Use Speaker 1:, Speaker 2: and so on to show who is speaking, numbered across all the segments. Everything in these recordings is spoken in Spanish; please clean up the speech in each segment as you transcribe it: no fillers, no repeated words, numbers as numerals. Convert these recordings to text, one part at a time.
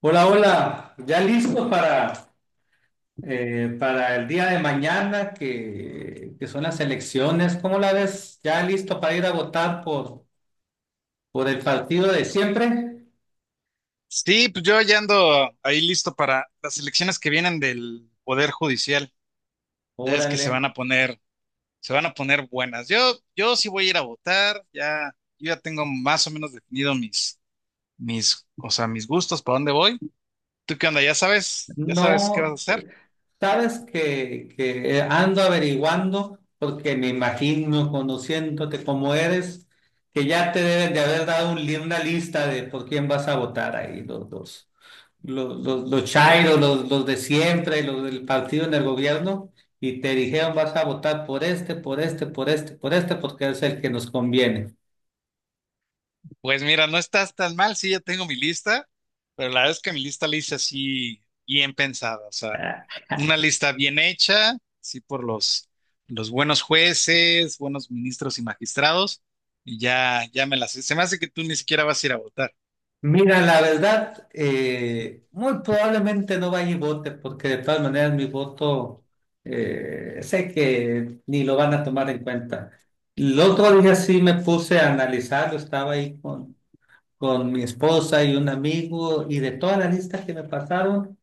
Speaker 1: Hola, hola, ya listo para el día de mañana que son las elecciones. ¿Cómo la ves? ¿Ya listo para ir a votar por el partido de siempre?
Speaker 2: Sí, pues yo ya ando ahí listo para las elecciones que vienen del Poder Judicial. Ya es que
Speaker 1: Órale.
Speaker 2: se van a poner, se van a poner buenas. Yo sí voy a ir a votar, ya, yo ya tengo más o menos definido o sea, mis gustos, para dónde voy. ¿Tú qué onda? ¿Ya sabes? ¿Ya sabes qué vas a
Speaker 1: No,
Speaker 2: hacer?
Speaker 1: sabes que ando averiguando porque me imagino, conociéndote como eres, que ya te deben de haber dado una lista de por quién vas a votar ahí los dos. Los chairos, los de siempre, los del partido en el gobierno, y te dijeron vas a votar por este, por este, por este, por este, porque es el que nos conviene.
Speaker 2: Pues mira, no estás tan mal, sí, ya tengo mi lista, pero la verdad es que mi lista la hice así bien pensada. O sea,
Speaker 1: Ah.
Speaker 2: una lista bien hecha, sí, por los buenos jueces, buenos ministros y magistrados, y ya, ya me las sé. Se me hace que tú ni siquiera vas a ir a votar.
Speaker 1: Mira, la verdad, muy probablemente no vaya y vote, porque de todas maneras mi voto sé que ni lo van a tomar en cuenta. El otro día sí me puse a analizarlo, estaba ahí con mi esposa y un amigo, y de toda la lista que me pasaron,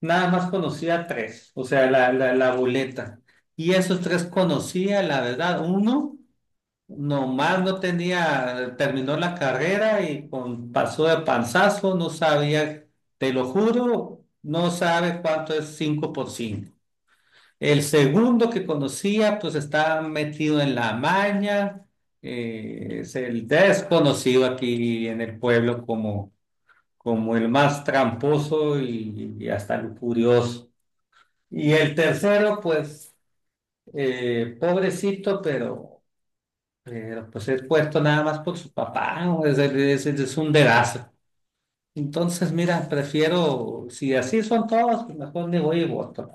Speaker 1: nada más conocía tres, o sea, la boleta. Y esos tres conocía, la verdad, uno nomás no tenía, terminó la carrera y con, pasó de panzazo, no sabía, te lo juro, no sabe cuánto es 5 por cinco. El segundo que conocía, pues estaba metido en la maña, es el desconocido aquí en el pueblo como, como el más tramposo y hasta lujurioso. Y el tercero, pues, pobrecito, pero, pues es puesto nada más por su papá, ¿no? Es un dedazo. Entonces, mira, prefiero, si así son todos, pues mejor me voy y voto.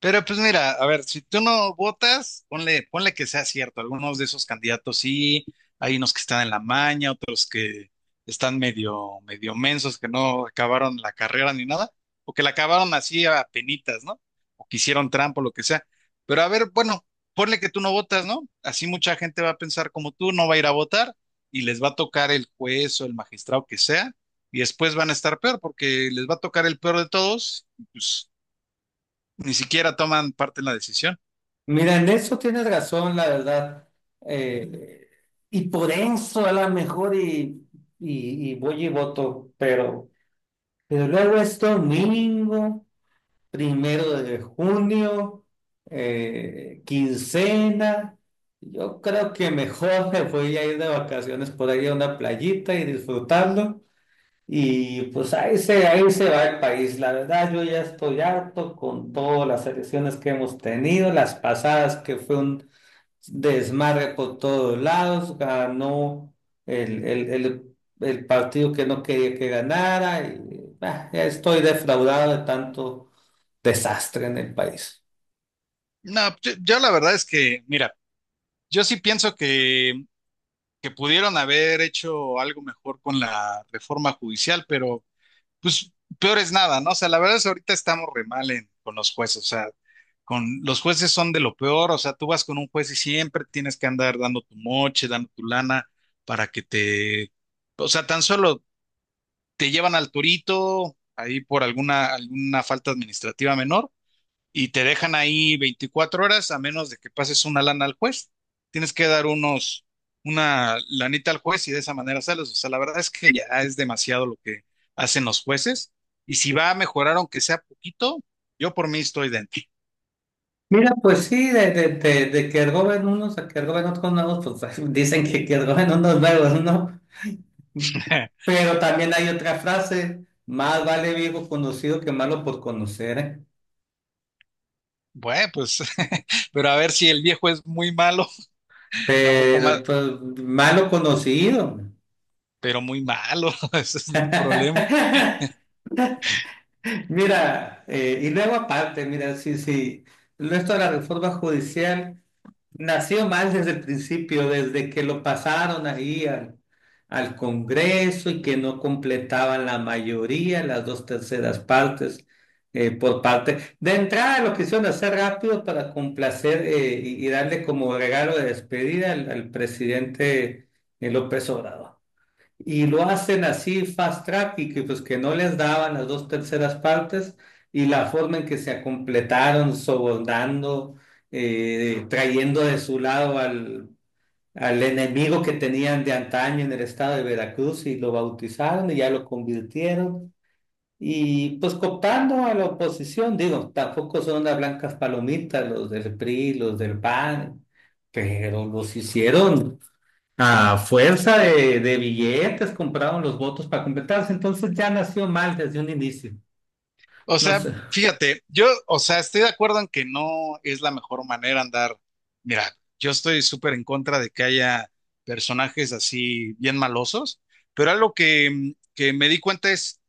Speaker 2: Pero pues mira, a ver, si tú no votas, ponle que sea cierto. Algunos de esos candidatos sí, hay unos que están en la maña, otros que están medio, medio mensos, que no acabaron la carrera ni nada, o que la acabaron así a penitas, ¿no? O que hicieron trampa, o lo que sea. Pero a ver, bueno, ponle que tú no votas, ¿no? Así mucha gente va a pensar como tú, no va a ir a votar y les va a tocar el juez o el magistrado que sea, y después van a estar peor porque les va a tocar el peor de todos, y, pues ni siquiera toman parte en la decisión.
Speaker 1: Mira, en eso tienes razón, la verdad. Eh, y por eso a lo mejor y voy y voto, pero luego es domingo. Primero de junio, quincena. Yo creo que mejor me voy a ir de vacaciones por ahí a una playita y disfrutarlo. Y pues ahí se va el país. La verdad, yo ya estoy harto con todas las elecciones que hemos tenido, las pasadas que fue un desmadre por todos lados, ganó el partido que no quería que ganara. Y, bah, ya estoy defraudado de tanto desastre en el país.
Speaker 2: No, yo la verdad es que, mira, yo sí pienso que pudieron haber hecho algo mejor con la reforma judicial, pero pues peor es nada, ¿no? O sea, la verdad es que ahorita estamos re mal con los jueces, o sea, con los jueces son de lo peor, o sea, tú vas con un juez y siempre tienes que andar dando tu moche, dando tu lana para que o sea, tan solo te llevan al torito ahí por alguna falta administrativa menor y te dejan ahí 24 horas a menos de que pases una lana al juez. Tienes que dar una lanita al juez y de esa manera sales. O sea, la verdad es que ya es demasiado lo que hacen los jueces y si va a mejorar aunque sea poquito, yo por mí estoy dentro.
Speaker 1: Mira, pues sí, de que roben unos a que roben otros nuevos, pues dicen que roben unos nuevos, ¿no? Pero también hay otra frase, más vale viejo conocido que malo por conocer, ¿eh?
Speaker 2: Bueno, pues, pero a ver si el viejo es muy malo, a poco más,
Speaker 1: Pero pues, malo conocido.
Speaker 2: pero muy malo, ese es el problema.
Speaker 1: Mira, y luego aparte, mira, sí, sí, el resto de la reforma judicial. Nació mal desde el principio, desde que lo pasaron ahí al, al Congreso y que no completaban la mayoría, las dos terceras partes por parte. De entrada lo quisieron hacer rápido para complacer y darle como regalo de despedida al, al presidente López Obrador. Y lo hacen así fast track y que pues que no les daban las dos terceras partes y la forma en que se completaron, sobornando, trayendo de su lado al, al enemigo que tenían de antaño en el estado de Veracruz y lo bautizaron y ya lo convirtieron. Y pues cooptando a la oposición, digo, tampoco son unas blancas palomitas los del PRI, los del PAN, pero los hicieron a fuerza de billetes compraron los votos para completarse, entonces ya nació mal desde un inicio.
Speaker 2: O
Speaker 1: No
Speaker 2: sea,
Speaker 1: sé,
Speaker 2: fíjate, yo, o sea, estoy de acuerdo en que no es la mejor manera andar. Mira, yo estoy súper en contra de que haya personajes así bien malosos, pero algo que me di cuenta es,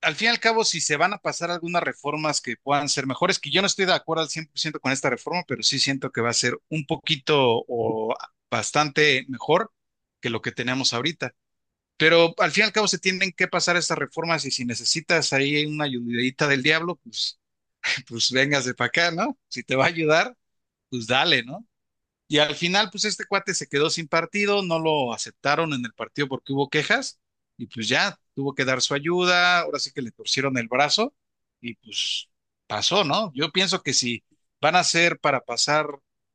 Speaker 2: al fin y al cabo, si se van a pasar algunas reformas que puedan ser mejores, que yo no estoy de acuerdo al 100% con esta reforma, pero sí siento que va a ser un poquito o bastante mejor que lo que tenemos ahorita. Pero al fin y al cabo se tienen que pasar estas reformas y si necesitas ahí una ayudadita del diablo, pues, pues véngase para acá, ¿no? Si te va a ayudar, pues dale, ¿no? Y al final, pues este cuate se quedó sin partido, no lo aceptaron en el partido porque hubo quejas y pues ya tuvo que dar su ayuda, ahora sí que le torcieron el brazo y pues pasó, ¿no? Yo pienso que si van a ser para pasar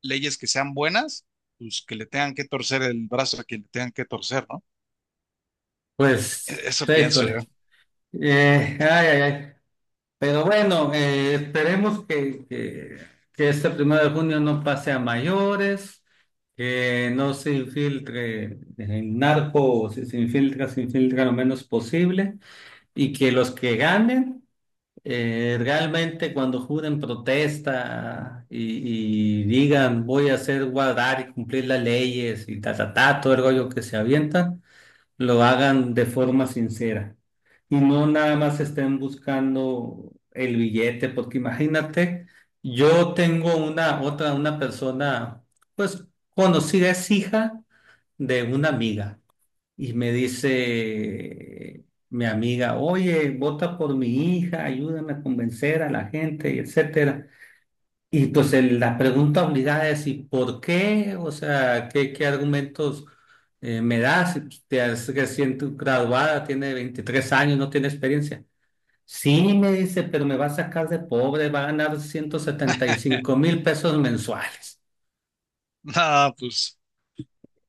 Speaker 2: leyes que sean buenas, pues que le tengan que torcer el brazo a quien le tengan que torcer, ¿no?
Speaker 1: pues,
Speaker 2: Eso pienso yo.
Speaker 1: híjole. Ay, ay, ay. Pero bueno, esperemos que este primero de junio no pase a mayores, que no se infiltre el narco, o si se infiltra, se infiltra lo menos posible, y que los que ganen. Realmente cuando juren protesta y digan voy a hacer guardar y cumplir las leyes y ta, ta, ta, todo el rollo que se avientan, lo hagan de forma sincera y no nada más estén buscando el billete, porque imagínate, yo tengo una otra, una persona, pues conocida, es hija de una amiga. Y me dice mi amiga, oye, vota por mi hija, ayúdame a convencer a la gente, y etcétera. Y pues la pregunta obligada es, ¿y por qué? O sea, ¿qué argumentos me das? Y, pues, te has recién graduada, tiene 23 años, no tiene experiencia. Sí, me dice, pero me va a sacar de pobre, va a ganar ciento setenta y cinco mil pesos mensuales.
Speaker 2: No, pues,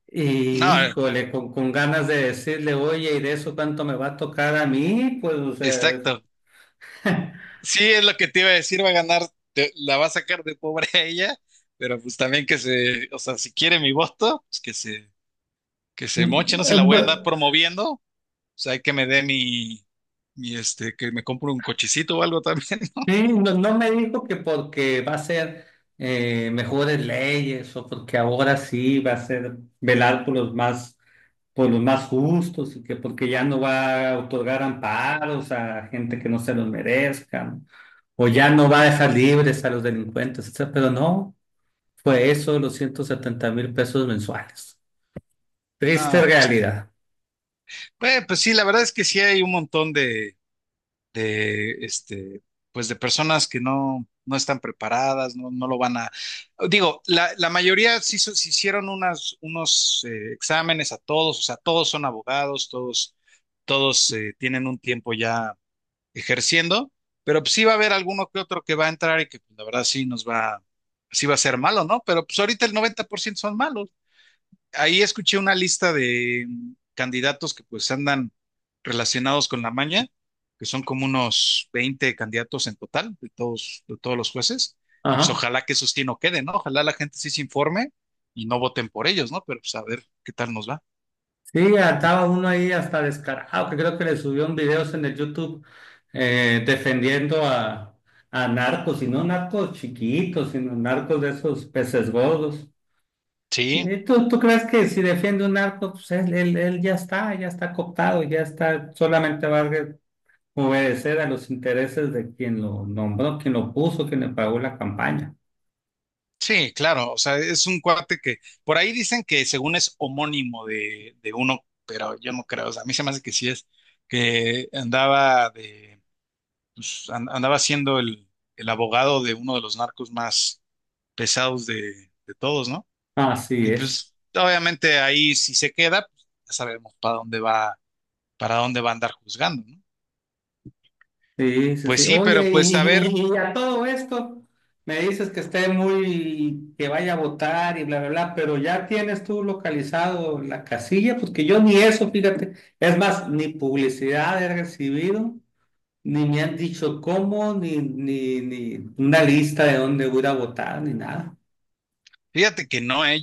Speaker 1: Y,
Speaker 2: no,
Speaker 1: híjole, con ganas de decirle, oye, ¿y de eso cuánto me va a tocar a mí? Pues, o sea,
Speaker 2: exacto. Sí, es lo que te iba a decir, va a ganar, la va a sacar de pobre a ella, pero pues también que se, o sea, si quiere mi voto, pues que que se moche, no se la voy a andar
Speaker 1: no,
Speaker 2: promoviendo, o sea, hay que me dé que me compre un cochecito o algo también, ¿no?
Speaker 1: sí, no me dijo que porque va a ser mejores leyes o porque ahora sí va a ser velar por los más justos y que porque ya no va a otorgar amparos a gente que no se los merezca o ya no va a dejar libres a los delincuentes, etcétera. Pero no, fue eso, los 170,000 pesos mensuales. Triste
Speaker 2: No, pues,
Speaker 1: realidad.
Speaker 2: pues sí, la verdad es que sí hay un montón de, este, pues de personas que no, no están preparadas, no, no lo van a... Digo, la mayoría sí, se hicieron unos exámenes a todos, o sea, todos son abogados, todos tienen un tiempo ya ejerciendo, pero pues sí va a haber alguno que otro que va a entrar y que pues, la verdad sí va a ser malo, ¿no? Pero pues ahorita el 90% son malos ahí escuché una lista de candidatos que pues andan relacionados con la maña, que son como unos 20 candidatos en total de todos los jueces. Y pues
Speaker 1: Ajá.
Speaker 2: ojalá que eso sí no quede, ¿no? Ojalá la gente sí se informe y no voten por ellos, ¿no? Pero pues a ver qué tal nos va.
Speaker 1: Sí, andaba uno ahí hasta descarado, que creo que le subió un videos en el YouTube defendiendo a narcos, y no narcos chiquitos, sino narcos de esos peces gordos.
Speaker 2: Sí,
Speaker 1: ¿Y tú crees que si defiende un narco, pues él ya está cooptado, ya está, solamente va a obedecer a los intereses de quien lo nombró, quien lo puso, quien le pagó la campaña?
Speaker 2: sí, claro. O sea, es un cuate que por ahí dicen que según es homónimo de uno, pero yo no creo. O sea, a mí se me hace que sí es, que andaba de pues, andaba siendo el abogado de uno de los narcos más pesados de todos, ¿no?
Speaker 1: Así
Speaker 2: Y
Speaker 1: es.
Speaker 2: pues obviamente ahí si se queda, pues, ya sabemos para dónde va a andar juzgando, ¿no?
Speaker 1: Sí, sí,
Speaker 2: Pues
Speaker 1: sí.
Speaker 2: sí, pero
Speaker 1: Oye,
Speaker 2: pues a ver,
Speaker 1: y a todo esto me dices que esté muy, que vaya a votar y bla, bla, bla, pero ya tienes tú localizado la casilla, pues que yo ni eso, fíjate, es más, ni publicidad he recibido, ni me han dicho cómo, ni, ni, ni una lista de dónde voy a ir a votar, ni nada.
Speaker 2: fíjate que no, ¿eh?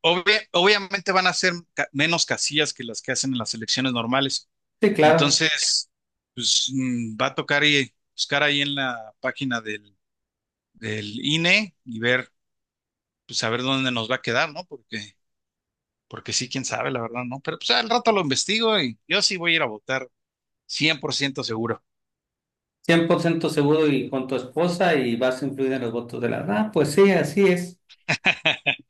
Speaker 2: Obviamente van a ser menos casillas que las que hacen en las elecciones normales.
Speaker 1: Sí, claro,
Speaker 2: Entonces, pues va a tocar y buscar ahí en la página del INE y ver, pues a ver dónde nos va a quedar, ¿no? Porque porque sí, quién sabe, la verdad, ¿no? Pero pues al rato lo investigo y yo sí voy a ir a votar, 100% seguro.
Speaker 1: 100% seguro y con tu esposa y vas a influir en los votos de la... Ah, pues sí, así es.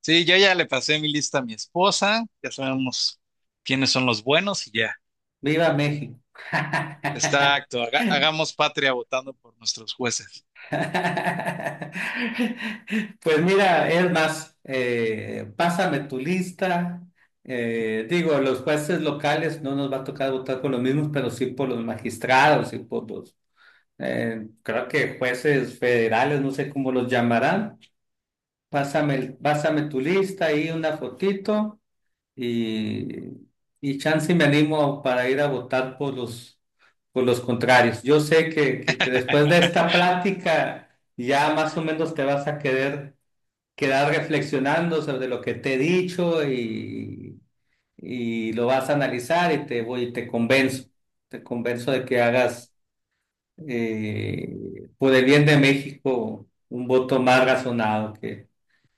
Speaker 2: Sí, yo ya le pasé mi lista a mi esposa, ya sabemos quiénes son los buenos y ya.
Speaker 1: Viva México.
Speaker 2: Exacto, hagamos patria votando por nuestros jueces.
Speaker 1: Pues mira, es más, pásame tu lista. Digo, los jueces locales no nos va a tocar votar por los mismos, pero sí por los magistrados y por los, creo que jueces federales, no sé cómo los llamarán. Pásame, pásame tu lista y una fotito y, y chance me animo para ir a votar por los contrarios. Yo sé que después de esta plática ya más o menos te vas a querer quedar reflexionando sobre lo que te he dicho y lo vas a analizar y te voy, te convenzo de que hagas eh, por el bien de México un voto más razonado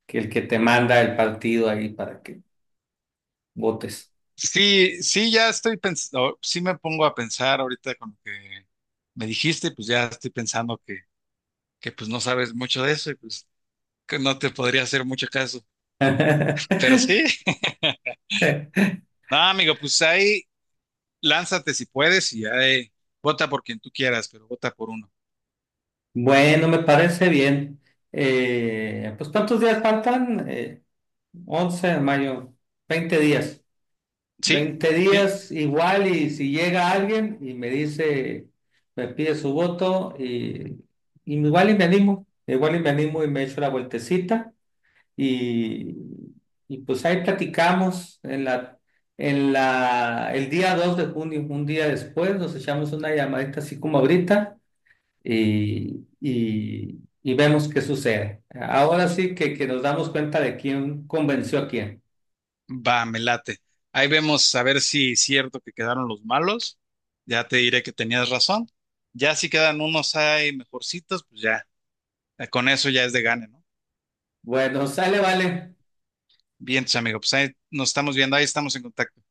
Speaker 1: que el que te manda el partido ahí para que votes.
Speaker 2: Sí, sí, ya estoy pensando, sí me pongo a pensar ahorita con lo que me dijiste, pues ya estoy pensando que pues no sabes mucho de eso y pues que no te podría hacer mucho caso. Pero sí, no, amigo, pues ahí, lánzate si puedes y ya vota por quien tú quieras, pero vota por uno.
Speaker 1: Bueno, me parece bien. Pues ¿cuántos días faltan? 11 de mayo, 20 días.
Speaker 2: Sí,
Speaker 1: Veinte
Speaker 2: sí,
Speaker 1: días igual y si llega alguien y me dice, me pide su voto y igual y me animo, igual y me animo y me echo la vueltecita y, y pues ahí platicamos en la, el día 2 de junio, un día después, nos echamos una llamadita así como ahorita y, y vemos qué sucede. Ahora sí que nos damos cuenta de quién convenció a quién.
Speaker 2: va, me late. Ahí vemos a ver si es cierto que quedaron los malos. Ya te diré que tenías razón. Ya si quedan unos ahí mejorcitos, pues ya, con eso ya es de gane, ¿no?
Speaker 1: Bueno, sale, vale.
Speaker 2: Bien, tus amigos, pues ahí nos estamos viendo, ahí estamos en contacto.